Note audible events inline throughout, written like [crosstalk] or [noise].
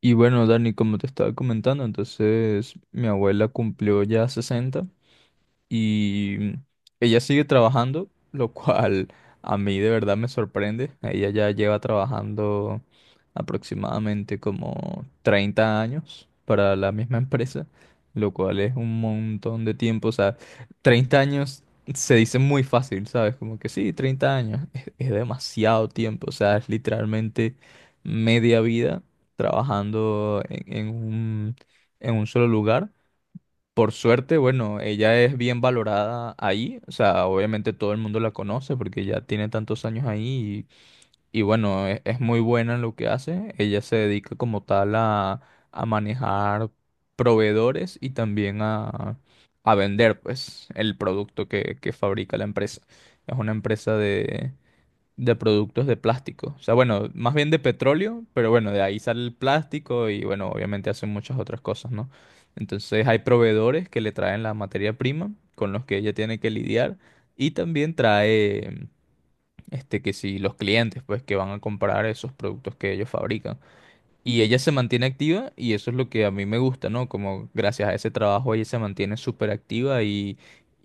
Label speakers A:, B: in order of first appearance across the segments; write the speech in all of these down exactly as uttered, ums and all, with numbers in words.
A: Y bueno, Dani, como te estaba comentando, entonces mi abuela cumplió ya sesenta y ella sigue trabajando, lo cual a mí de verdad me sorprende. Ella ya lleva trabajando aproximadamente como treinta años para la misma empresa, lo cual es un montón de tiempo. O sea, treinta años se dice muy fácil, ¿sabes? Como que sí, treinta años [laughs] es, es demasiado tiempo. O sea, es literalmente media vida trabajando en en un, en un solo lugar. Por suerte, bueno, ella es bien valorada ahí, o sea, obviamente todo el mundo la conoce porque ya tiene tantos años ahí y, y bueno, e- es, muy buena en lo que hace. Ella se dedica como tal a, a manejar proveedores y también a, a vender, pues, el producto que, que fabrica la empresa. Es una empresa de productos de plástico. O sea, bueno, más bien de petróleo, pero bueno, de ahí sale el plástico y bueno, obviamente hacen muchas otras cosas, ¿no? Entonces hay proveedores que le traen la materia prima con los que ella tiene que lidiar y también trae, este, que si los clientes, pues, que van a comprar esos productos que ellos fabrican. Y ella se mantiene activa y eso es lo que a mí me gusta, ¿no? Como gracias a ese trabajo ella se mantiene súper activa y...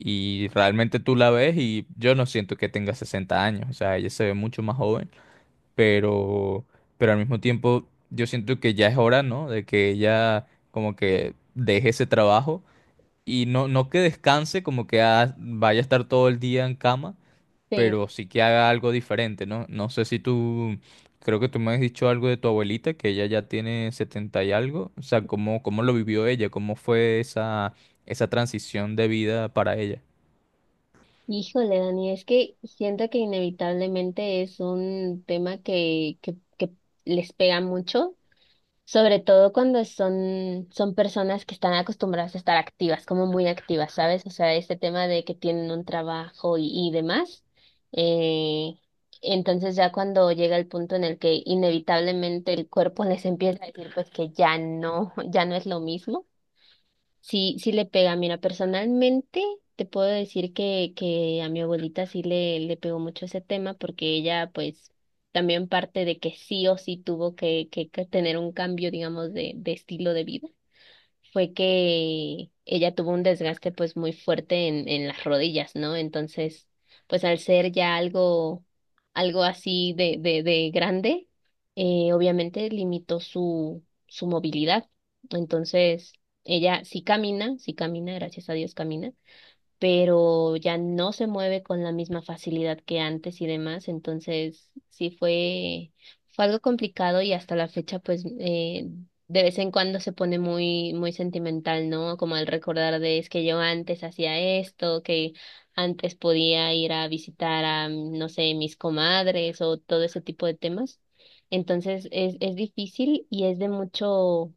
A: Y realmente tú la ves y yo no siento que tenga sesenta años, o sea, ella se ve mucho más joven pero, pero al mismo tiempo yo siento que ya es hora, ¿no? De que ella como que deje ese trabajo y no, no que descanse, como que ah, vaya a estar todo el día en cama,
B: Sí,
A: pero sí que haga algo diferente, ¿no? No sé si tú, creo que tú me has dicho algo de tu abuelita, que ella ya tiene setenta y algo, o sea, ¿cómo, cómo lo vivió ella? ¿Cómo fue esa, esa transición de vida para ella?
B: híjole, Dani, es que siento que inevitablemente es un tema que, que, que les pega mucho, sobre todo cuando son, son personas que están acostumbradas a estar activas, como muy activas, ¿sabes? O sea, este tema de que tienen un trabajo y, y demás. Eh, entonces ya cuando llega el punto en el que inevitablemente el cuerpo les empieza a decir pues que ya no, [laughs] ya no es lo mismo. Sí, sí le pega. Mira, personalmente te puedo decir que, que a mi abuelita sí le, le pegó mucho ese tema porque ella pues también parte de que sí o sí tuvo que, que, que tener un cambio, digamos, de, de estilo de vida fue que ella tuvo un desgaste pues muy fuerte en, en las rodillas, ¿no? Entonces, pues al ser ya algo, algo así de, de, de grande, eh, obviamente limitó su, su movilidad. Entonces, ella sí camina, sí camina, gracias a Dios camina pero ya no se mueve con la misma facilidad que antes y demás, entonces sí fue, fue algo complicado y hasta la fecha pues eh, de vez en cuando se pone muy, muy sentimental, ¿no? Como al recordar de es que yo antes hacía esto, que antes podía ir a visitar a, no sé, mis comadres o todo ese tipo de temas. Entonces es, es difícil y es de mucho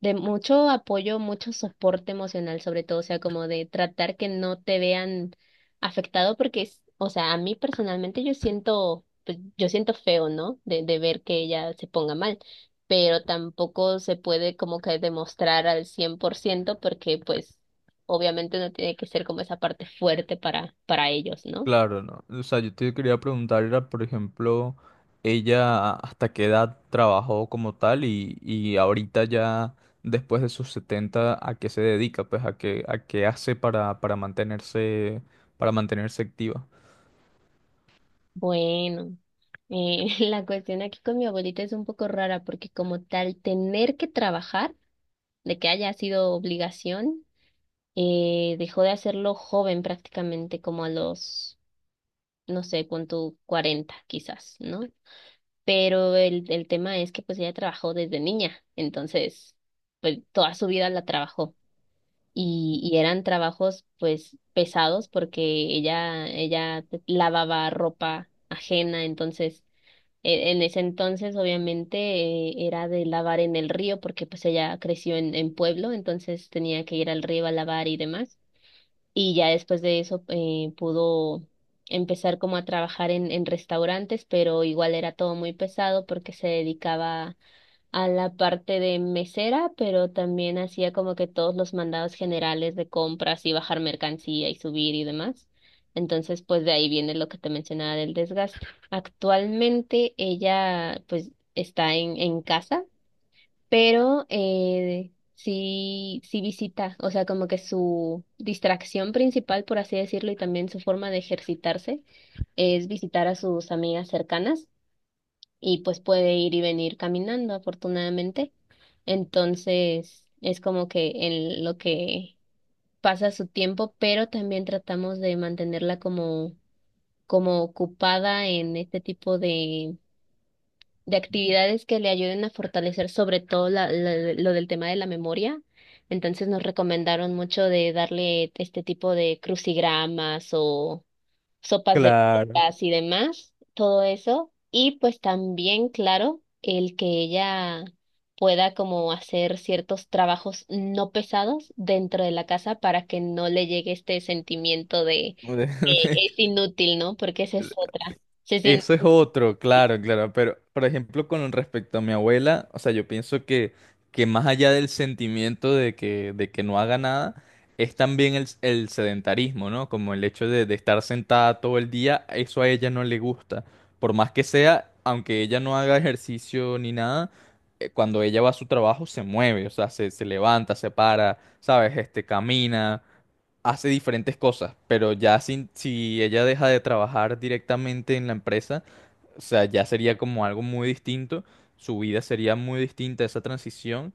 B: de mucho apoyo, mucho soporte emocional, sobre todo, o sea, como de tratar que no te vean afectado, porque es, o sea, a mí personalmente yo siento, pues, yo siento feo, ¿no? De, de ver que ella se ponga mal, pero tampoco se puede como que demostrar al cien por ciento porque, pues, obviamente uno tiene que ser como esa parte fuerte para, para ellos, ¿no?
A: Claro, no. O sea, yo te quería preguntar, era, por ejemplo, ella hasta qué edad trabajó como tal y, y ahorita ya después de sus setenta, ¿a qué se dedica? Pues a qué, a qué hace para, para mantenerse, para mantenerse activa.
B: Bueno. Eh, [laughs] la cuestión aquí con mi abuelita es un poco rara porque como tal, tener que trabajar de que haya sido obligación, eh, dejó de hacerlo joven prácticamente, como a los, no sé, pon cuarenta quizás, ¿no? Pero el, el tema es que pues ella trabajó desde niña, entonces pues toda su vida la trabajó y, y eran trabajos pues pesados porque ella, ella lavaba ropa ajena, entonces e- en ese entonces, obviamente, eh, era de lavar en el río porque pues ella creció en, en pueblo, entonces tenía que ir al río a lavar y demás. Y ya después de eso eh, pudo empezar como a trabajar en, en restaurantes, pero igual era todo muy pesado porque se dedicaba a la parte de mesera, pero también hacía como que todos los mandados generales de compras y bajar mercancía y subir y demás. Entonces, pues de ahí viene lo que te mencionaba del desgaste. Actualmente ella pues está en, en casa, pero eh, sí, sí visita, o sea, como que su distracción principal, por así decirlo, y también su forma de ejercitarse es visitar a sus amigas cercanas y pues puede ir y venir caminando, afortunadamente. Entonces, es como que en lo que pasa su tiempo, pero también tratamos de mantenerla como, como ocupada en este tipo de, de actividades que le ayuden a fortalecer sobre todo la- la- lo del tema de la memoria. Entonces nos recomendaron mucho de darle este tipo de crucigramas o sopas de
A: Claro.
B: letras y demás, todo eso. Y pues también, claro, el que ella pueda como hacer ciertos trabajos no pesados dentro de la casa para que no le llegue este sentimiento de que
A: [laughs]
B: es inútil, ¿no? Porque esa es otra. Se siente
A: Eso es otro,
B: inútil.
A: claro, claro, pero por ejemplo con respecto a mi abuela, o sea, yo pienso que, que más allá del sentimiento de que, de que no haga nada, es también el, el sedentarismo, ¿no? Como el hecho de, de estar sentada todo el día, eso a ella no le gusta. Por más que sea, aunque ella no haga ejercicio ni nada, eh, cuando ella va a su trabajo se mueve, o sea, se, se levanta, se para, ¿sabes? Este, camina, hace diferentes cosas, pero ya sin, si ella deja de trabajar directamente en la empresa, o sea, ya sería como algo muy distinto, su vida sería muy distinta a esa transición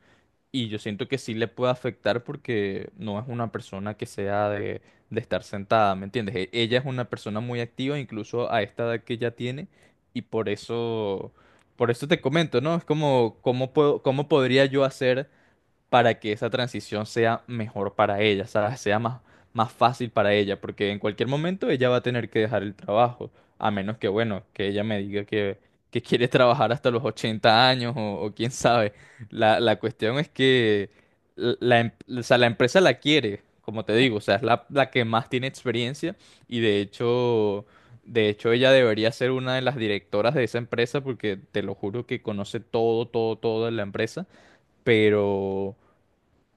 A: y yo siento que sí le puede afectar porque no es una persona que sea de, de estar sentada, ¿me entiendes? E- Ella es una persona muy activa, incluso a esta edad que ya tiene y por eso... Por eso te comento, ¿no? Es como, ¿cómo puedo, cómo podría yo hacer para que esa transición sea mejor para ella, ¿sabes? Sea más, más fácil para ella, porque en cualquier momento ella va a tener que dejar el trabajo, a menos que, bueno, que ella me diga que, que quiere trabajar hasta los ochenta años o, o quién sabe. La, la cuestión es que la, la em- o sea, la empresa la quiere, como te digo, o sea, es la, la que más tiene experiencia y de hecho... De hecho, ella debería ser una de las directoras de esa empresa porque te lo juro que conoce todo, todo, todo de la empresa pero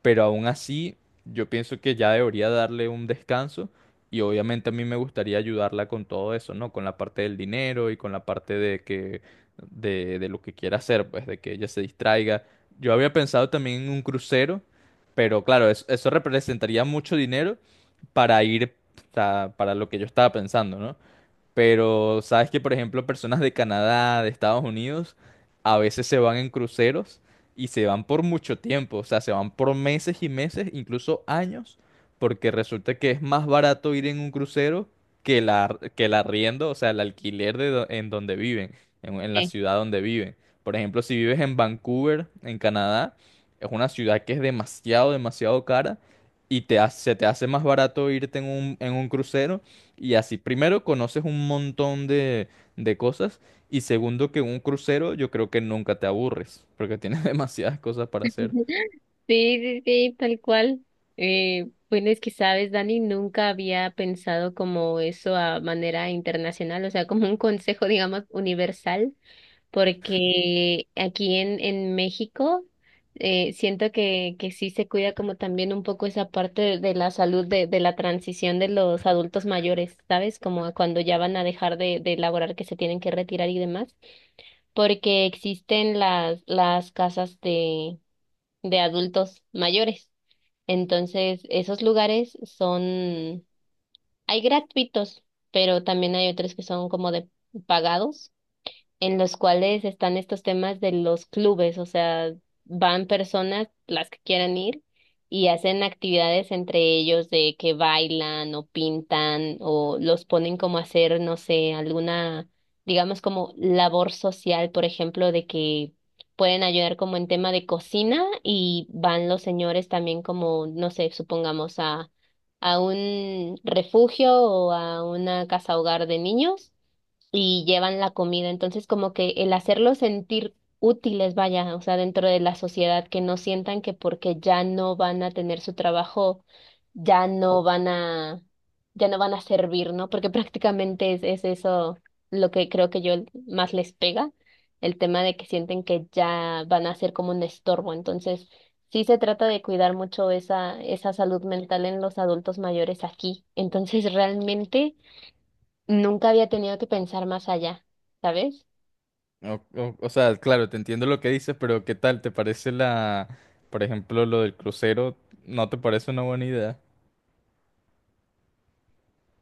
A: pero aún así yo pienso que ya debería darle un descanso y obviamente a mí me gustaría ayudarla con todo eso, ¿no? Con la parte del dinero y con la parte de que de, de lo que quiera hacer, pues de que ella se distraiga. Yo había pensado también en un crucero, pero claro, es- eso representaría mucho dinero para ir, o sea, para lo que yo estaba pensando, ¿no? Pero sabes que, por ejemplo, personas de Canadá, de Estados Unidos, a veces se van en cruceros y se van por mucho tiempo, o sea, se van por meses y meses, incluso años, porque resulta que es más barato ir en un crucero que la, que el arriendo, o sea, el alquiler de do- en donde viven, en, en la
B: Eh.
A: ciudad donde viven. Por ejemplo, si vives en Vancouver, en Canadá, es una ciudad que es demasiado, demasiado cara y te, ha- se te hace más barato irte en un, en un crucero y así, primero, conoces un montón de, de cosas. Y segundo, que un crucero yo creo que nunca te aburres, porque tienes [laughs] demasiadas cosas para hacer.
B: [laughs] Sí, sí, sí, tal cual. Eh, bueno, es que sabes, Dani, nunca había pensado como eso a manera internacional, o sea, como un consejo, [laughs] digamos, universal porque aquí en, en México eh, siento que, que sí se cuida como también un poco esa parte de, de la salud, de, de la transición de los adultos mayores, ¿sabes? Como cuando ya van a dejar de, de laborar, que se tienen que retirar y demás, porque existen las, las casas de, de adultos mayores. Entonces, esos lugares son, hay gratuitos, pero también hay otros que son como de pagados en los cuales están estos temas de los clubes, o sea, van personas, las que quieran ir, y hacen actividades entre ellos de que bailan o pintan o los ponen como a hacer, no sé, alguna, digamos como labor social, por ejemplo, de que pueden ayudar como en tema de cocina y van los señores también como, no sé, supongamos a... a un refugio o a una casa hogar de niños y llevan la comida. Entonces, como que el hacerlos sentir útiles, vaya, o sea, dentro de la sociedad, que no sientan que porque ya no van a tener su trabajo, ya no van a, ya no van a servir, ¿no? Porque [laughs] prácticamente es, es eso lo que creo que yo más les pega, el tema de que sienten que ya van a ser como un estorbo. Entonces, sí se trata de cuidar mucho esa, esa salud mental en los adultos mayores aquí. Entonces, realmente nunca había tenido que pensar más allá, ¿sabes?
A: O, o- o sea, claro, te entiendo lo que dices, pero ¿qué tal? ¿Te parece la, por ejemplo, lo del crucero? ¿No te parece una buena idea?